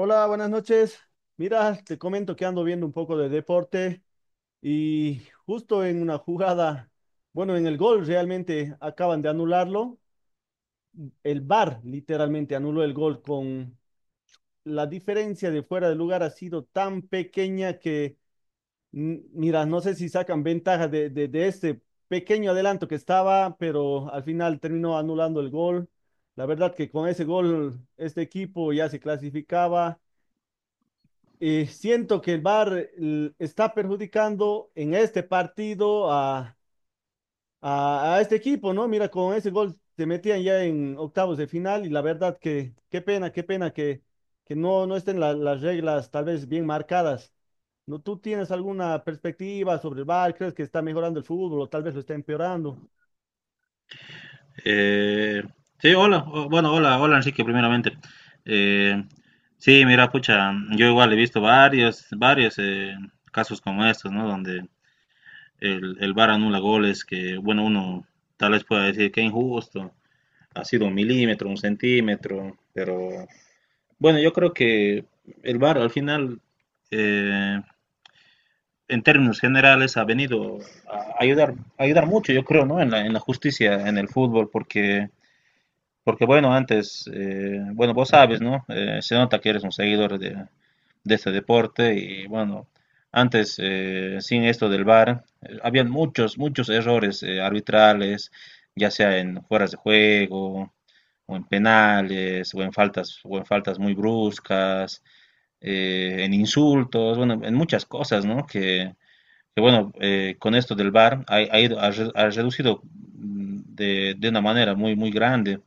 Hola, buenas noches. Mira, te comento que ando viendo un poco de deporte y justo en una jugada, bueno, en el gol realmente acaban de anularlo. El VAR literalmente anuló el gol con la diferencia de fuera de lugar ha sido tan pequeña que, mira, no sé si sacan ventaja de este pequeño adelanto que estaba, pero al final terminó anulando el gol. La verdad que con ese gol este equipo ya se clasificaba. Y siento que el VAR está perjudicando en este partido a, a este equipo, ¿no? Mira, con ese gol se metían ya en octavos de final y la verdad que qué pena que no estén las reglas tal vez bien marcadas. ¿No? ¿Tú tienes alguna perspectiva sobre el VAR? ¿Crees que está mejorando el fútbol o tal vez lo está empeorando? Eh, sí, Hola, hola, Enrique, primeramente. Eh, sí, Mira, pucha, yo igual he visto varios casos como estos, ¿no? Donde el VAR anula goles que, bueno, uno tal vez pueda decir que injusto, ha sido un milímetro, un centímetro, pero bueno, yo creo que el VAR al final, eh, en términos generales, ha venido a ayudar mucho, yo creo, ¿no? En en la justicia, en el fútbol, porque... Porque bueno, antes, bueno, vos sabes, ¿no? Se nota que eres un seguidor de este deporte y bueno, antes, sin esto del VAR, habían muchos errores arbitrales, ya sea en fueras de juego, o en penales, o en faltas muy bruscas, en insultos, bueno, en muchas cosas, ¿no? Que, bueno, con esto del VAR ha ido, ha reducido de una manera muy grande.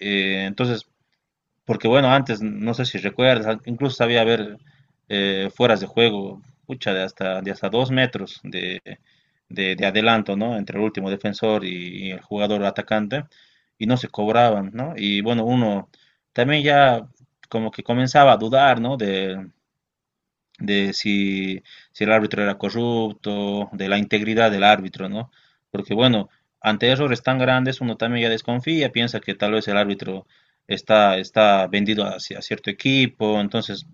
Eh, entonces, Porque bueno, antes, no sé si recuerdas, incluso sabía haber fueras de juego, pucha, de hasta dos metros de adelanto, ¿no? Entre el último defensor y el jugador atacante, y no se cobraban, ¿no? Y bueno, uno también ya como que comenzaba a dudar, ¿no? De si, si el árbitro era corrupto, de la integridad del árbitro, ¿no? Porque bueno, ante errores tan grandes uno también ya desconfía, piensa que tal vez el árbitro está vendido hacia cierto equipo, entonces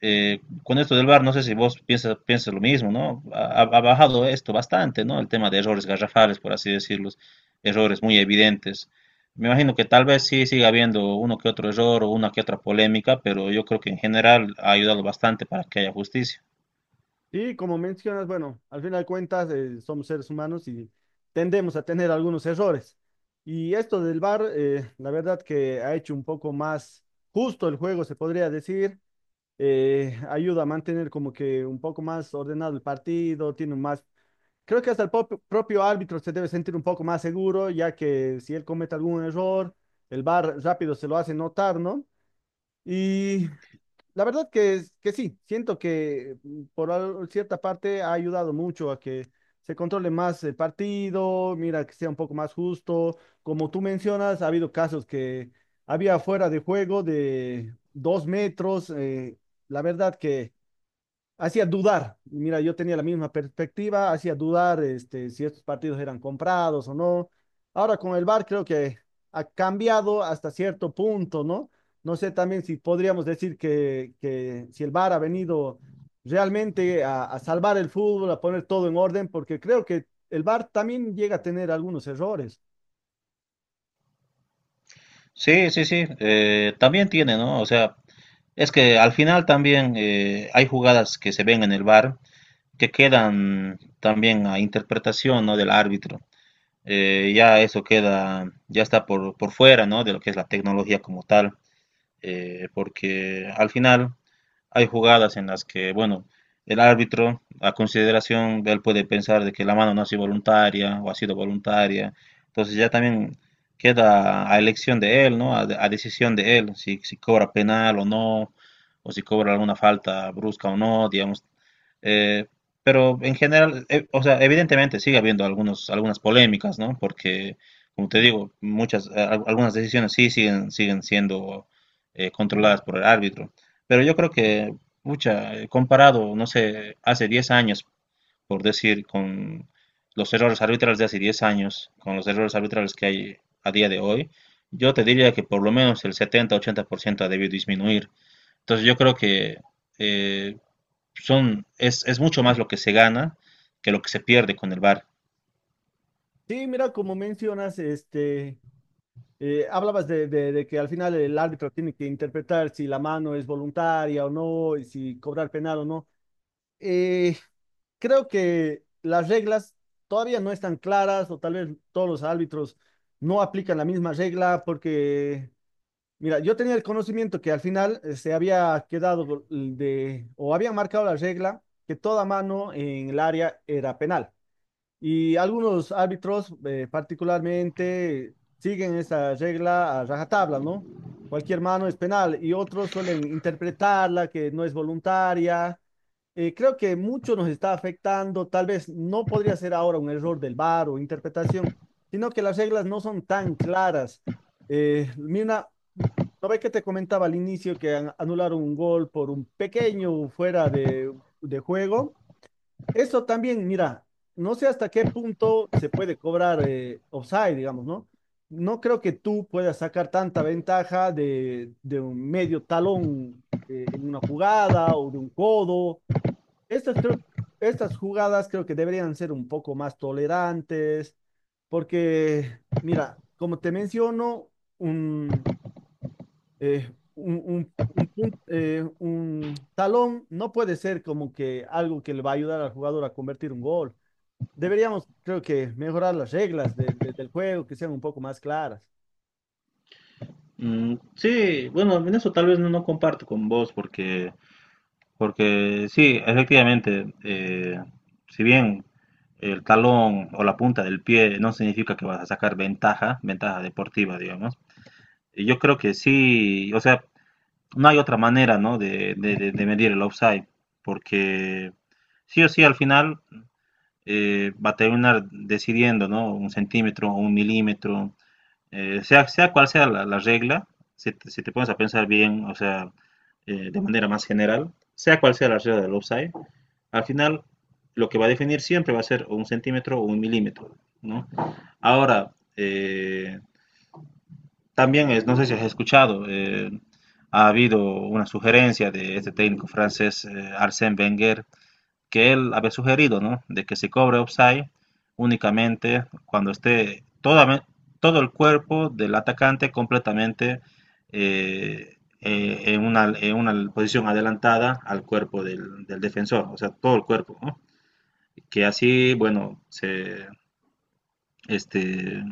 con esto del VAR, no sé si vos piensas lo mismo, ¿no? Ha bajado esto bastante, ¿no? El tema de errores garrafales, por así decirlos, errores muy evidentes. Me imagino que tal vez sí siga habiendo uno que otro error o una que otra polémica, pero yo creo que en general ha ayudado bastante para que haya justicia. Y como mencionas, bueno, al final de cuentas somos seres humanos y tendemos a tener algunos errores. Y esto del VAR, la verdad que ha hecho un poco más justo el juego, se podría decir. Ayuda a mantener como que un poco más ordenado el partido, tiene un más... Creo que hasta el propio árbitro se debe sentir un poco más seguro, ya que si él comete algún error, el VAR rápido se lo hace notar, ¿no? Y la verdad que, que sí, siento que por cierta parte ha ayudado mucho a que se controle más el partido, mira, que sea un poco más justo. Como tú mencionas, ha habido casos que había fuera de juego de 2 metros. La verdad que hacía dudar. Y mira, yo tenía la misma perspectiva, hacía dudar este, si estos partidos eran comprados o no. Ahora con el VAR creo que ha cambiado hasta cierto punto, ¿no? No sé también si podríamos decir que si el VAR ha venido realmente a salvar el fútbol, a poner todo en orden, porque creo que el VAR también llega a tener algunos errores. Sí, sí, sí, también tiene, ¿no? O sea, es que al final también hay jugadas que se ven en el VAR que quedan también a interpretación, ¿no? Del árbitro. Ya eso queda, ya está por fuera, ¿no? De lo que es la tecnología como tal, porque al final hay jugadas en las que, bueno, el árbitro, a consideración de él, puede pensar de que la mano no ha sido voluntaria o ha sido voluntaria. Entonces ya también queda a elección de él, ¿no? A decisión de él, si cobra penal o no, o si cobra alguna falta brusca o no, digamos. Eh, pero en general, o sea, evidentemente sigue habiendo algunas polémicas, ¿no? Porque, como te digo, muchas, algunas decisiones sí siguen siendo controladas por el árbitro. Pero yo creo que, pucha, comparado, no sé, hace 10 años, por decir, con los errores arbitrales de hace 10 años, con los errores arbitrales que hay a día de hoy, yo te diría que por lo menos el 70-80% ha debido disminuir. Entonces yo creo que eh, es mucho más lo que se gana que lo que se pierde con el VAR. Sí, mira, como mencionas, este, hablabas de que al final el árbitro tiene que interpretar si la mano es voluntaria o no, y si cobrar penal o no. Eh, creo que las reglas todavía no están claras o tal vez todos los árbitros no aplican la misma regla porque, mira, yo tenía el conocimiento que al final se había quedado o habían marcado la regla que toda mano en el área era penal. Y algunos árbitros particularmente siguen esa regla a rajatabla, ¿no? Cualquier mano es penal y otros suelen interpretarla que no es voluntaria. Creo que mucho nos está afectando, tal vez no podría ser ahora un error del VAR o interpretación, sino que las reglas no son tan claras. Mira, ¿no ves que te comentaba al inicio que anularon un gol por un pequeño fuera de juego? Eso también, mira, no sé hasta qué punto se puede cobrar offside, digamos, ¿no? No creo que tú puedas sacar tanta ventaja de un medio talón en una jugada o de un codo. Estas, creo, estas jugadas creo que deberían ser un poco más tolerantes, porque, mira, como te menciono, un, un talón no puede ser como que algo que le va a ayudar al jugador a convertir un gol. Deberíamos, creo que, mejorar las reglas del juego, que sean un poco más claras. Mm, sí, bueno, en eso tal vez no, no comparto con vos porque Porque sí, efectivamente, si bien el talón o la punta del pie no significa que vas a sacar ventaja, ventaja deportiva, digamos, y yo creo que sí, o sea, no hay otra manera, ¿no? De, de medir el offside, porque sí o sí al final va a terminar decidiendo, ¿no? Un centímetro o un milímetro, sea cual sea la regla, si te pones a pensar bien, o sea, de manera más general, sea cual sea la regla del offside, al final lo que va a definir siempre va a ser un centímetro o un milímetro, ¿no? Ahora, también es, no sé si has escuchado, ha habido una sugerencia de este técnico francés, Arsène Wenger, que él había sugerido, ¿no? De que se cobre offside únicamente cuando esté todo el cuerpo del atacante completamente en una posición adelantada al cuerpo del defensor, o sea, todo el cuerpo, ¿no? Que así, bueno, se, este,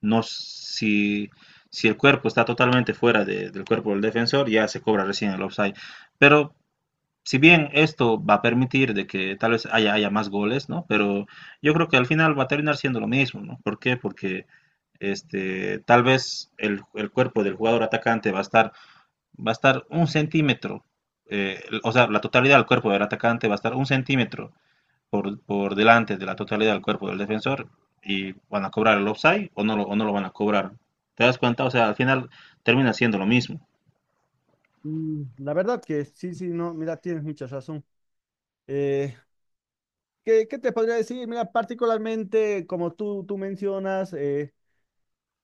no, si, si el cuerpo está totalmente fuera de, del cuerpo del defensor, ya se cobra recién el offside. Pero si bien esto va a permitir de que tal vez haya más goles, ¿no? Pero yo creo que al final va a terminar siendo lo mismo, ¿no? ¿Por qué? Porque este, tal vez el cuerpo del jugador atacante va a estar un centímetro, o sea, la totalidad del cuerpo del atacante va a estar un centímetro por delante de la totalidad del cuerpo del defensor y van a cobrar el offside o no lo van a cobrar. ¿Te das cuenta? O sea, al final termina siendo lo mismo. La verdad que sí, sí, no, mira, tienes mucha razón. Eh, ¿Qué, qué te podría decir? Mira, particularmente, como tú mencionas,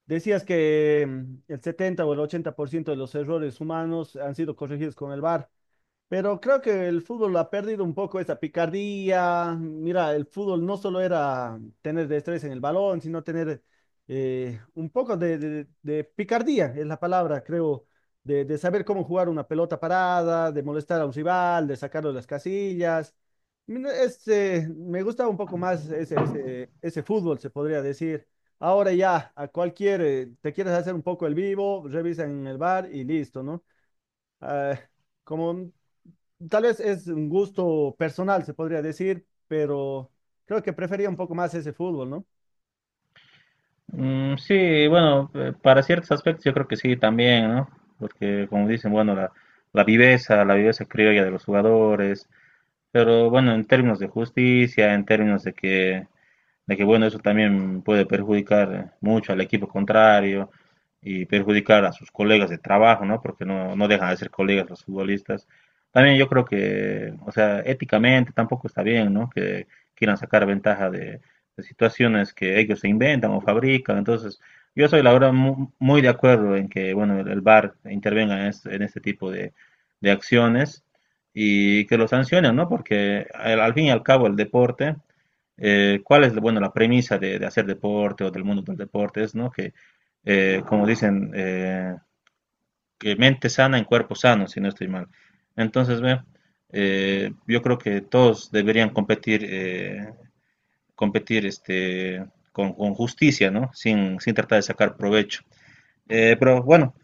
decías que el 70 o el 80% de los errores humanos han sido corregidos con el VAR. Pero creo que el fútbol ha perdido un poco esa picardía. Mira, el fútbol no solo era tener destreza en el balón, sino tener un poco de, de picardía, es la palabra, creo, de saber cómo jugar una pelota parada, de molestar a un rival, de sacarlo de las casillas. Este, me gustaba un poco más ese fútbol, se podría decir. Ahora ya, a cualquier, te quieres hacer un poco el vivo, revisa en el bar y listo, ¿no? Ah, como Tal vez es un gusto personal, se podría decir, pero creo que prefería un poco más ese fútbol, ¿no? Mm, sí, bueno, para ciertos aspectos yo creo que sí también, ¿no? Porque como dicen, bueno, la viveza criolla de los jugadores, pero bueno, en términos de justicia, en términos de que bueno, eso también puede perjudicar mucho al equipo contrario y perjudicar a sus colegas de trabajo, ¿no? Porque no dejan de ser colegas los futbolistas. También yo creo que, o sea, éticamente tampoco está bien, ¿no? Que quieran sacar ventaja de situaciones que ellos se inventan o fabrican. Entonces, yo soy la verdad muy de acuerdo en que, bueno, el VAR intervenga en este tipo de acciones y que lo sancionen, ¿no? Porque al fin y al cabo el deporte cuál es, bueno, la premisa de hacer deporte o del mundo del deporte, es, ¿no? Que, eh, como dicen, eh, que mente sana en cuerpo sano, si no estoy mal. Entonces, ve, yo creo que todos deberían competir, competir este, con justicia, ¿no? Sin tratar de sacar provecho. Eh, pero bueno,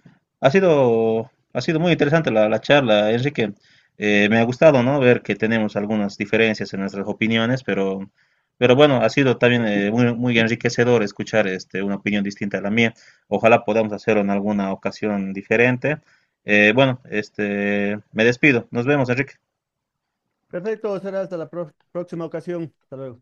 Ha sido muy interesante la charla, Enrique. Me ha gustado, ¿no? Ver que tenemos algunas diferencias en nuestras opiniones, pero bueno, ha sido también muy enriquecedor escuchar este, una opinión distinta a la mía. Ojalá podamos hacerlo en alguna ocasión diferente. Me despido. Nos vemos, Enrique. Perfecto, será hasta la próxima ocasión. Hasta luego.